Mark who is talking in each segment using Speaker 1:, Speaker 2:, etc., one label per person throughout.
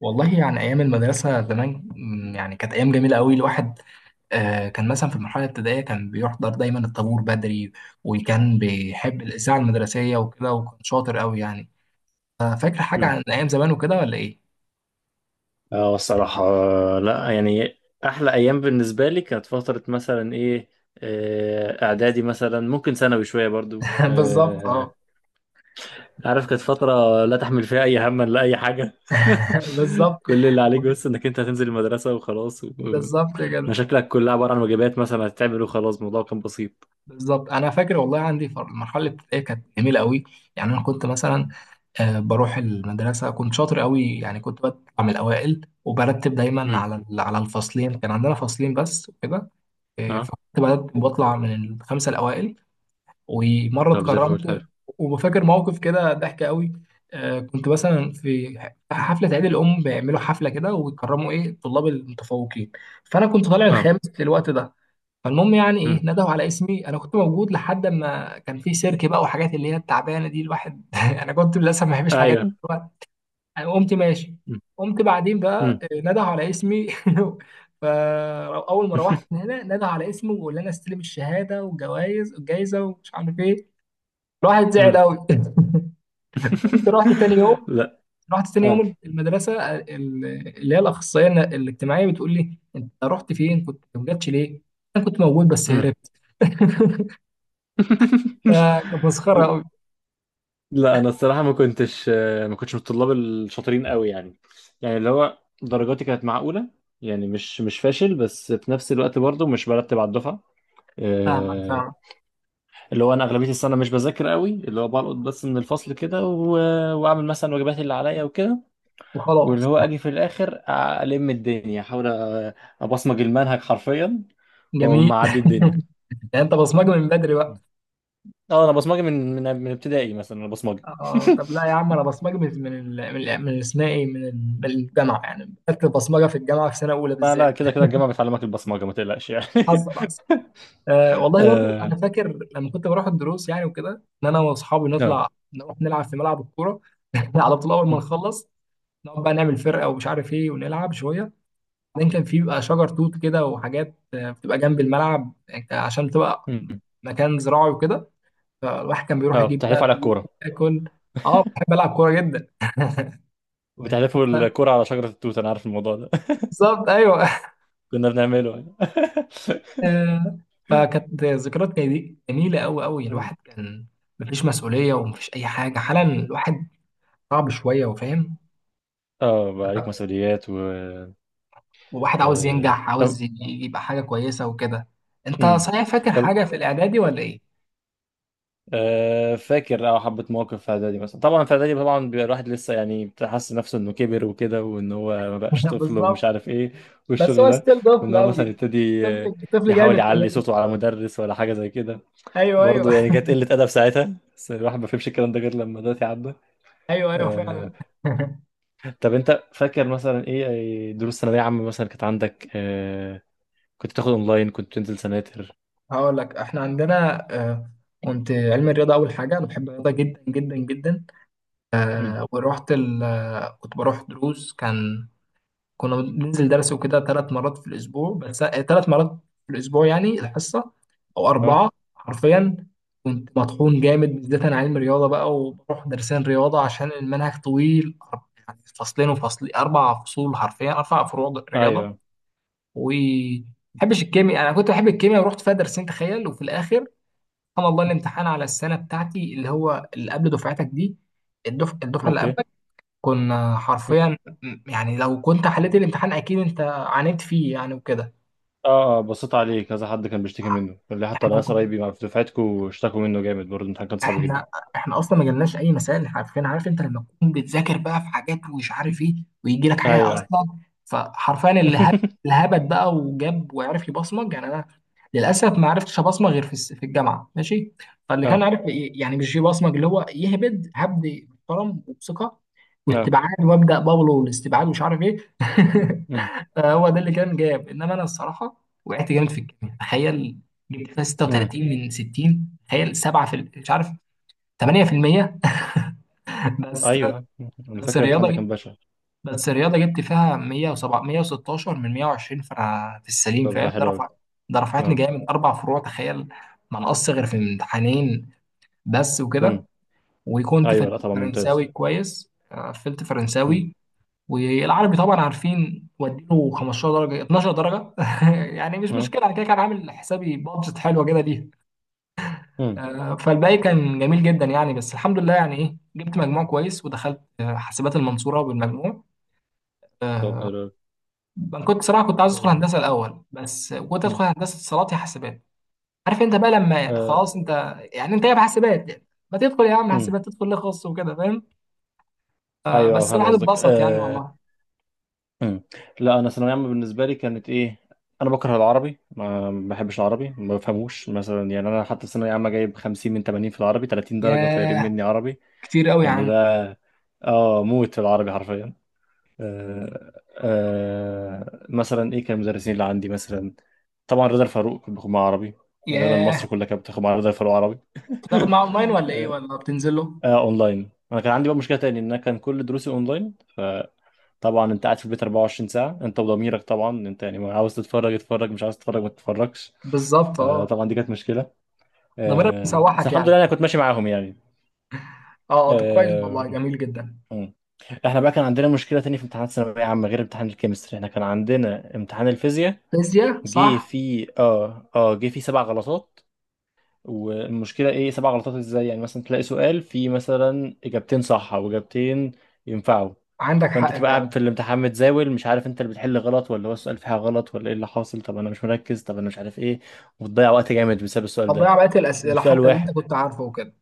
Speaker 1: والله يعني أيام المدرسة زمان يعني كانت أيام جميلة أوي الواحد. كان مثلا في المرحلة الابتدائية كان بيحضر دايما الطابور بدري، وكان بيحب الإذاعة المدرسية وكده وكان شاطر أوي يعني. فاكر حاجة
Speaker 2: مم.
Speaker 1: عن أيام زمان وكده ولا إيه؟
Speaker 2: اه الصراحة، لا يعني أحلى أيام بالنسبة لي كانت فترة مثلا إيه، إعدادي مثلا، ممكن ثانوي شوية برضو.
Speaker 1: بالظبط أه.
Speaker 2: عارف كانت فترة لا تحمل فيها أي هم، لا أي حاجة.
Speaker 1: بالظبط.
Speaker 2: كل اللي عليك بس إنك أنت هتنزل المدرسة وخلاص،
Speaker 1: بالظبط كده.
Speaker 2: مشاكلك كلها عبارة عن واجبات مثلا هتتعمل وخلاص، الموضوع كان بسيط.
Speaker 1: بالظبط أنا فاكر والله عندي المرحلة الابتدائية كانت جميلة أوي. يعني أنا كنت مثلا بروح المدرسة كنت شاطر قوي، يعني كنت بطلع من الأوائل وبرتب دايما
Speaker 2: مم.
Speaker 1: على على الفصلين، كان عندنا فصلين بس وكده.
Speaker 2: أه.
Speaker 1: فكنت برتب بطلع من الخمسة الأوائل. ومرة
Speaker 2: طب زي الفل، حلو.
Speaker 1: اتكرمت. وفاكر موقف كده ضحك قوي. كنت مثلا في حفلة عيد الأم، بيعملوا حفلة كده ويكرموا إيه الطلاب المتفوقين، فأنا كنت طالع
Speaker 2: أه.
Speaker 1: الخامس في الوقت ده. فالمهم يعني ايه
Speaker 2: مم.
Speaker 1: ندهوا على اسمي، انا كنت موجود لحد ما كان في سيرك بقى وحاجات اللي هي التعبانه دي الواحد، انا كنت للاسف ما بحبش الحاجات
Speaker 2: أيوه.
Speaker 1: دي. أنا قمت ماشي.
Speaker 2: مم.
Speaker 1: قمت بعدين بقى
Speaker 2: مم.
Speaker 1: نده على اسمي. فأول ما روحت من هنا نده على اسمي، وقال لي أنا استلم الشهادة والجوائز والجايزة ومش عارف إيه. الواحد زعل
Speaker 2: مم.
Speaker 1: أوي. قمت رحت تاني يوم.
Speaker 2: لا.
Speaker 1: رحت تاني
Speaker 2: أه.
Speaker 1: يوم المدرسة، اللي هي الأخصائية الاجتماعية بتقول لي أنت رحت فين، كنت ما جاتش ليه؟ أنا كنت موجود بس هربت. فكانت مسخرة أوي.
Speaker 2: لا انا الصراحه ما كنتش من الطلاب الشاطرين قوي يعني. يعني اللي هو درجاتي كانت معقوله، يعني مش فاشل، بس في نفس الوقت برضه مش برتب على الدفعه.
Speaker 1: فاهمك فاهمك.
Speaker 2: آه، اللي هو انا اغلبيه السنه مش بذاكر قوي، اللي هو بلقط بس من الفصل كده واعمل مثلا واجباتي اللي عليا وكده. واللي
Speaker 1: وخلاص.
Speaker 2: هو اجي في الاخر، الم الدنيا، ابصمج المنهج حرفيا، واقوم
Speaker 1: جميل.
Speaker 2: معدي الدنيا.
Speaker 1: يعني أنت بصمجة من بدري بقى.
Speaker 2: اه انا بصمجي من ابتدائي، مثلا انا بصمجي.
Speaker 1: اه طب لا يا عم، انا بصمجي من من اسمها ايه من الجامعه، يعني خدت البصمجه في الجامعه في سنه اولى
Speaker 2: لا
Speaker 1: بالذات.
Speaker 2: لا، كده كده الجامعة بتعلمك البصمجة، ما تقلقش يعني.
Speaker 1: حظ بس. والله برضو
Speaker 2: اه
Speaker 1: انا فاكر لما كنت بروح الدروس يعني وكده، ان انا واصحابي
Speaker 2: اه.
Speaker 1: نطلع نروح نلعب في ملعب الكوره. على طول اول ما نخلص نقعد بقى نعمل فرقه ومش عارف ايه ونلعب شويه. بعدين كان في بقى شجر توت كده وحاجات بتبقى جنب الملعب، يعني عشان تبقى
Speaker 2: مم.
Speaker 1: مكان زراعي وكده. فالواحد كان بيروح يجيب بقى
Speaker 2: بتحلفوا على
Speaker 1: توت،
Speaker 2: الكورة،
Speaker 1: ياكل. اه بحب العب كوره جدا.
Speaker 2: وبتحلفوا الكورة على شجرة التوت، أنا عارف الموضوع ده.
Speaker 1: بالظبط ايوه.
Speaker 2: كنا بنعمله يعني.
Speaker 1: آه، فكانت ذكريات جميله قوي قوي.
Speaker 2: مم.
Speaker 1: الواحد كان مفيش مسؤوليه ومفيش اي حاجه، حالا الواحد صعب شويه وفاهم،
Speaker 2: اه بقى عليك مسؤوليات و...
Speaker 1: وواحد عاوز ينجح
Speaker 2: طب.
Speaker 1: عاوز يبقى حاجه كويسه وكده. انت
Speaker 2: مم.
Speaker 1: صحيح فاكر
Speaker 2: طب،
Speaker 1: حاجه في الاعدادي ولا ايه؟
Speaker 2: فاكر اه حبة مواقف في إعدادي مثلا. طبعا في إعدادي طبعا بيبقى الواحد لسه يعني، بتحس نفسه إنه كبر وكده، وإن هو ما بقاش طفل ومش
Speaker 1: بالظبط.
Speaker 2: عارف إيه،
Speaker 1: بس
Speaker 2: والشغل
Speaker 1: هو
Speaker 2: ده.
Speaker 1: ستيل
Speaker 2: وإن
Speaker 1: طفل
Speaker 2: هو مثلا
Speaker 1: قوي.
Speaker 2: يبتدي،
Speaker 1: طفل طفل
Speaker 2: يحاول
Speaker 1: جامد
Speaker 2: يعلي
Speaker 1: كمان.
Speaker 2: صوته على مدرس ولا حاجة زي كده.
Speaker 1: ايوه ايوه.
Speaker 2: برضه يعني كانت قلة أدب ساعتها، بس الواحد ما فهمش الكلام ده غير لما دلوقتي عدى.
Speaker 1: ايوه ايوه فعلا.
Speaker 2: آه... طب أنت فاكر مثلا إيه أي دروس ثانوية عامة مثلا كانت عندك؟ كنت تاخد أونلاين، كنت تنزل سناتر؟
Speaker 1: هقول لك احنا عندنا كنت علم الرياضه اول حاجه. انا بحب الرياضه جدا جدا جدا.
Speaker 2: مم.
Speaker 1: آه، ورحت ال... آه، كنت بروح دروس، كان كنا بننزل درس وكده ثلاث مرات في الاسبوع، بس ثلاث مرات في الاسبوع يعني الحصه او
Speaker 2: أه.
Speaker 1: اربعه حرفيا. كنت مطحون جامد بالذات انا علم رياضه بقى، وبروح درسين رياضه عشان المنهج طويل، يعني فصلين وفصل اربع فصول حرفيا اربع فروع رياضه،
Speaker 2: أيوه.
Speaker 1: و بحبش الكيمياء. انا كنت بحب الكيمياء ورحت فيها درسين تخيل، وفي الاخر سبحان الله الامتحان على السنه بتاعتي اللي هو اللي قبل دفعتك دي، الدفعه اللي
Speaker 2: أوكي.
Speaker 1: قبل. كنا
Speaker 2: مم.
Speaker 1: حرفيا يعني لو كنت حليت الامتحان اكيد انت عانيت فيه يعني وكده.
Speaker 2: اه اه، بصيت عليه كذا حد كان بيشتكي منه، قال لي حتى
Speaker 1: احنا
Speaker 2: ناس قرايبي في دفعتكوا اشتكوا منه جامد برضه، الامتحان كان صعب جدا.
Speaker 1: احنا احنا اصلا ما جالناش اي مسائل حرفيا. عارف انت لما تكون بتذاكر بقى في حاجات ومش عارف ايه ويجي لك حاجه
Speaker 2: ايوه.
Speaker 1: اصلا. فحرفيا اللي هبت بقى وجاب وعرف يبصمج، يعني انا للاسف ما عرفتش ابصمج غير في في الجامعه ماشي. فاللي كان
Speaker 2: اه
Speaker 1: عارف يعني مش يبصمج، اللي هو يهبد هبد محترم وبثقه
Speaker 2: اه.
Speaker 1: واستبعاد وابدا بابلو والاستبعاد ومش عارف ايه.
Speaker 2: أمم،
Speaker 1: هو ده اللي كان جاب. انما انا الصراحه وقعت جامد في الكيمياء تخيل. جبت فيها
Speaker 2: أمم،
Speaker 1: 36 من 60 تخيل 7 في مش عارف 8%. بس.
Speaker 2: ايوه. انا
Speaker 1: بس
Speaker 2: فاكر الامتحان
Speaker 1: الرياضه
Speaker 2: ده
Speaker 1: جبت
Speaker 2: كان بشع.
Speaker 1: بس الرياضه جبت فيها 107 116 من 120، فانا في السليم
Speaker 2: طب ده
Speaker 1: فاهم، ده
Speaker 2: حلو قوي.
Speaker 1: رفع، ده رفعتني
Speaker 2: اه.
Speaker 1: جامد اربع فروع تخيل. ما نقص غير في امتحانين بس وكده.
Speaker 2: أمم،
Speaker 1: وكنت
Speaker 2: ايوه
Speaker 1: في
Speaker 2: لا طبعا
Speaker 1: فرنساوي
Speaker 2: ممتاز.
Speaker 1: كويس، قفلت فرنساوي. والعربي طبعا عارفين وديله 15 درجه 12 درجه. يعني مش
Speaker 2: مم.
Speaker 1: مشكله، انا كده كان عامل حسابي بادجت حلوه كده ليه.
Speaker 2: امم.
Speaker 1: فالباقي كان جميل جدا يعني، بس الحمد لله يعني ايه جبت مجموع كويس ودخلت حاسبات المنصوره بالمجموع.
Speaker 2: طب
Speaker 1: آه،
Speaker 2: حلو أوي.
Speaker 1: انا كنت صراحه كنت عايز ادخل
Speaker 2: آه،
Speaker 1: هندسه الاول، بس كنت
Speaker 2: مم.
Speaker 1: ادخل هندسه اتصالات يا حاسبات. عارف انت بقى لما
Speaker 2: آه،
Speaker 1: خلاص انت يعني انت جايب حاسبات، يعني ما تدخل يا عم
Speaker 2: مم.
Speaker 1: حاسبات، تدخل ليه خاص وكده فاهم.
Speaker 2: ايوه
Speaker 1: بس
Speaker 2: فاهم
Speaker 1: الواحد
Speaker 2: قصدك.
Speaker 1: اتبسط يعني والله.
Speaker 2: مم. لا انا ثانويه عامه بالنسبه لي كانت ايه، انا بكره العربي، ما بحبش العربي، ما بفهموش مثلا يعني. انا حتى في ثانويه عامه جايب 50 من 80 في العربي، 30 درجه طايرين
Speaker 1: ياه.
Speaker 2: مني عربي،
Speaker 1: كتير قوي يا
Speaker 2: يعني
Speaker 1: عم.
Speaker 2: ده. اه موت في العربي حرفيا. آه، مثلا ايه كان المدرسين اللي عندي مثلا، طبعا رضا الفاروق كنت باخد معاه عربي، غالبا
Speaker 1: ياه.
Speaker 2: مصر كلها كانت بتاخد مع رضا الفاروق عربي.
Speaker 1: بتاخد معاه اونلاين ولا ايه ولا بتنزل له؟
Speaker 2: آه، اونلاين. انا كان عندي بقى مشكله تاني، ان انا كان كل دروسي اونلاين، فطبعا انت قاعد في البيت 24 ساعه، انت وضميرك، طبعا انت يعني عاوز تتفرج اتفرج، مش عاوز تتفرج ما تتفرجش،
Speaker 1: بالظبط اه.
Speaker 2: فطبعا دي كانت مشكله.
Speaker 1: ده مرة
Speaker 2: آه بس
Speaker 1: بيسوحك
Speaker 2: الحمد
Speaker 1: يعني.
Speaker 2: لله انا كنت ماشي معاهم يعني.
Speaker 1: اه اه. طب كويس والله
Speaker 2: آه.
Speaker 1: جميل جدا.
Speaker 2: مم. احنا بقى كان عندنا مشكله تانية في امتحانات الثانويه عامه، غير امتحان الكيمستري احنا كان عندنا امتحان الفيزياء،
Speaker 1: فيزياء
Speaker 2: جه
Speaker 1: صح.
Speaker 2: فيه جه فيه سبع غلطات. والمشكله ايه، سبع غلطات ازاي؟ يعني مثلا تلاقي سؤال فيه مثلا اجابتين صح، او اجابتين ينفعوا.
Speaker 1: عندك
Speaker 2: فانت
Speaker 1: حق
Speaker 2: تبقى قاعد
Speaker 1: فعلا.
Speaker 2: في الامتحان متزاول، مش عارف انت اللي بتحل غلط، ولا هو السؤال فيه حاجه غلط، ولا ايه اللي حاصل، طب انا مش مركز، طب انا مش عارف ايه، وبتضيع وقت جامد بسبب السؤال ده.
Speaker 1: هتضيع بقية الأسئلة
Speaker 2: ومش سؤال
Speaker 1: حتى اللي أنت
Speaker 2: واحد،
Speaker 1: كنت عارفه وكده.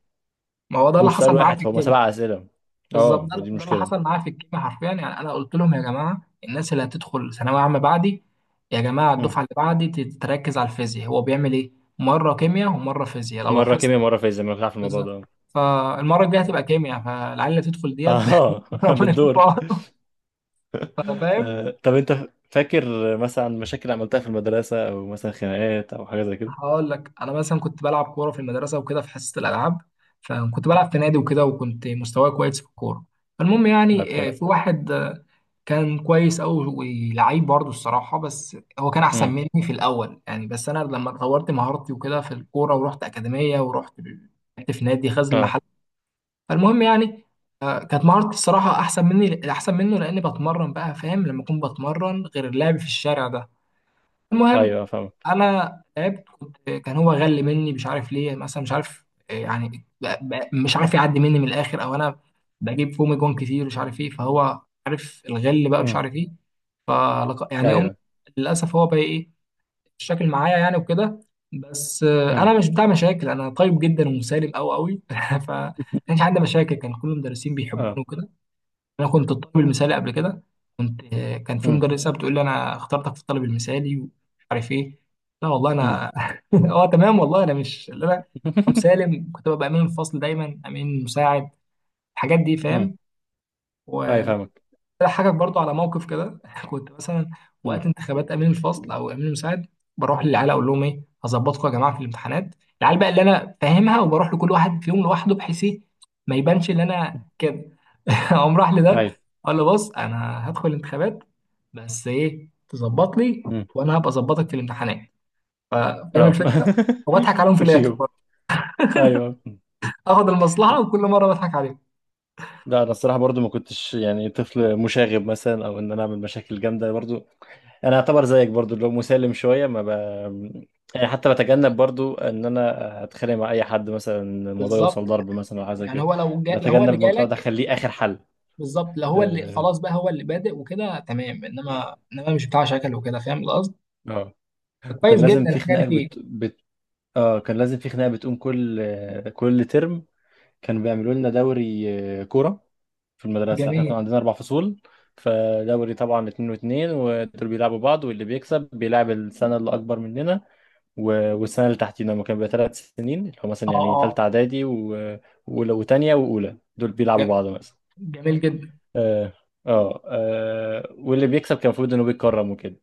Speaker 1: ما هو ده اللي
Speaker 2: ومش سؤال
Speaker 1: حصل معايا
Speaker 2: واحد
Speaker 1: في
Speaker 2: فهم،
Speaker 1: الكيمياء.
Speaker 2: سبع اسئله.
Speaker 1: بالظبط
Speaker 2: اه
Speaker 1: ده,
Speaker 2: ودي
Speaker 1: ده اللي
Speaker 2: المشكله.
Speaker 1: حصل معايا في الكيمياء حرفيا. يعني أنا قلت لهم يا جماعة الناس اللي هتدخل ثانوية عامة بعدي، يا جماعة
Speaker 2: مم.
Speaker 1: الدفعة اللي بعدي تتركز على الفيزياء. هو بيعمل إيه؟ مرة كيمياء ومرة فيزياء لو
Speaker 2: مره
Speaker 1: لاحظت.
Speaker 2: كيمياء مره فيزياء، ما بتعرف الموضوع
Speaker 1: بالظبط.
Speaker 2: ده.
Speaker 1: فالمرة الجاية هتبقى كيمياء فالعيال اللي تدخل ديت.
Speaker 2: اه.
Speaker 1: ربنا يكون في
Speaker 2: بالدور.
Speaker 1: عونهم. فاهم.
Speaker 2: طب انت فاكر مثلا مشاكل عملتها في المدرسه، او مثلا خناقات، او حاجه زي كده؟
Speaker 1: هقول لك انا مثلا كنت بلعب كوره في المدرسه وكده في حصه الالعاب. فكنت بلعب في نادي وكده وكنت مستواي كويس في الكوره. فالمهم
Speaker 2: طيب
Speaker 1: يعني
Speaker 2: حلو.
Speaker 1: في واحد كان كويس قوي ولعيب برضه الصراحه، بس هو كان احسن
Speaker 2: امم.
Speaker 1: مني في الاول يعني. بس انا لما طورت مهارتي وكده في الكوره ورحت اكاديميه ورحت لعبت في نادي غزل
Speaker 2: اه.
Speaker 1: المحل. فالمهم يعني كانت مهارتي الصراحه احسن مني احسن منه لاني بتمرن بقى، فاهم لما اكون بتمرن غير اللعب في الشارع ده. المهم،
Speaker 2: ايوه فاهمك.
Speaker 1: انا تعبت، كان هو غل مني مش عارف ليه مثلا، مش عارف يعني مش عارف يعدي مني من الاخر او انا بجيب فومي جون كتير مش عارف ايه. فهو عارف الغل بقى مش
Speaker 2: امم.
Speaker 1: عارف ايه. يعني
Speaker 2: ايوه.
Speaker 1: للاسف هو بقى ايه الشكل معايا يعني وكده. بس
Speaker 2: امم.
Speaker 1: انا مش بتاع مشاكل، انا طيب جدا ومسالم قوي قوي. فما كانش عندي مشاكل، كان كل المدرسين بيحبوني
Speaker 2: اه.
Speaker 1: وكده. انا كنت الطالب المثالي قبل كده. كنت كان في
Speaker 2: امم.
Speaker 1: مدرسه بتقول لي انا اخترتك في الطالب المثالي ومش عارف ايه. لا والله
Speaker 2: امم.
Speaker 1: انا. اه تمام والله انا مش اللي انا. أنا مسالم، كنت ببقى امين الفصل دايما، امين مساعد، الحاجات دي
Speaker 2: امم.
Speaker 1: فاهم.
Speaker 2: ايوه فاهمك.
Speaker 1: هضحكك برضو على موقف كده. كنت مثلا
Speaker 2: امم.
Speaker 1: وقت انتخابات امين الفصل او امين المساعد بروح للعيال اقول لهم ايه، هظبطكم يا جماعه في الامتحانات. العيال بقى اللي انا فاهمها، وبروح لكل واحد فيهم لوحده بحيث ايه ما يبانش ان انا كده. اقوم راح لده
Speaker 2: ايوه.
Speaker 1: اقول له بص انا هدخل الانتخابات، بس ايه تظبط لي
Speaker 2: امم.
Speaker 1: وانا هبقى اظبطك في الامتحانات. ف- فاهم
Speaker 2: اه.
Speaker 1: الفكره. وبضحك عليهم في الاخر
Speaker 2: ترشيهم.
Speaker 1: برضه.
Speaker 2: ايوه
Speaker 1: اخد المصلحه وكل مره بضحك عليهم.
Speaker 2: لا انا الصراحه برضو ما كنتش يعني طفل مشاغب مثلا، او ان انا اعمل مشاكل جامده برضو. انا اعتبر زيك برضو اللي هو مسالم شويه، ما ب... يعني حتى بتجنب برضو ان انا اتخانق مع اي حد، مثلا الموضوع
Speaker 1: بالظبط.
Speaker 2: يوصل ضرب مثلا او حاجه زي
Speaker 1: يعني
Speaker 2: كده،
Speaker 1: هو لو هو
Speaker 2: بتجنب
Speaker 1: اللي
Speaker 2: الموضوع ده،
Speaker 1: جالك.
Speaker 2: اخليه اخر حل.
Speaker 1: بالظبط. لو هو اللي خلاص بقى هو اللي بادئ وكده تمام، انما مش بتاع شكل وكده فاهم القصد.
Speaker 2: اه. وكان
Speaker 1: كويس
Speaker 2: لازم
Speaker 1: جدا
Speaker 2: في
Speaker 1: الحاجه دي
Speaker 2: خناقة
Speaker 1: فيك.
Speaker 2: اه كان لازم في خناقة بتقوم كل ترم. كانوا بيعملوا لنا دوري، كورة، في المدرسة. احنا
Speaker 1: جميل
Speaker 2: كنا عندنا أربع فصول، فدوري طبعا اتنين واتنين، ودول بيلعبوا بعض، واللي بيكسب بيلعب السنة اللي أكبر مننا، والسنة اللي تحتينا، هما كانوا بيبقى تلات سنين، اللي هو مثلا
Speaker 1: اه
Speaker 2: يعني
Speaker 1: اه
Speaker 2: تالتة إعدادي وأولى وتانية، وأولى دول بيلعبوا
Speaker 1: ج-
Speaker 2: بعض مثلا.
Speaker 1: جميل جدا.
Speaker 2: اه اه. واللي بيكسب كان المفروض إنه بيتكرم وكده،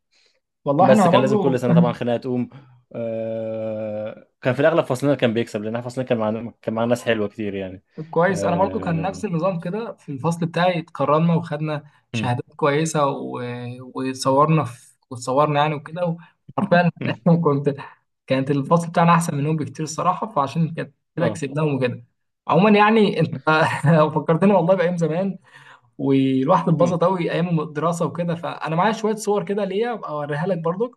Speaker 1: والله
Speaker 2: بس
Speaker 1: احنا
Speaker 2: كان لازم كل
Speaker 1: برضو.
Speaker 2: سنه طبعا خناقه تقوم. آه كان في الاغلب فصلنا كان بيكسب، لان احنا فصلنا كان معانا ناس حلوه كتير يعني.
Speaker 1: كويس انا برضو كان نفس
Speaker 2: اه.
Speaker 1: النظام كده في الفصل بتاعي، اتكرمنا وخدنا
Speaker 2: مم.
Speaker 1: شهادات كويسه و... وصورنا في... وتصورنا يعني وكده. وحرفيا
Speaker 2: مم.
Speaker 1: كنت، كانت الفصل بتاعنا احسن منهم بكتير الصراحه، فعشان كده كده
Speaker 2: آه.
Speaker 1: كسبناهم وكده. عموما يعني انت فكرتني والله بايام زمان، والواحد
Speaker 2: مم.
Speaker 1: اتبسط قوي ايام الدراسه وكده. فانا معايا شويه صور كده ليا ابقى اوريها لك برضك.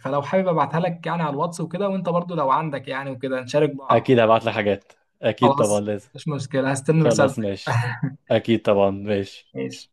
Speaker 1: فلو حابب ابعتها لك يعني على الواتس وكده، وانت برضو لو عندك يعني وكده نشارك بعض.
Speaker 2: اكيد هبعت لك حاجات، اكيد طبعا
Speaker 1: خلاص
Speaker 2: لازم.
Speaker 1: مش مشكله، هستنى
Speaker 2: خلاص
Speaker 1: رسالتك.
Speaker 2: ماشي، اكيد طبعا ماشي.
Speaker 1: ماشي.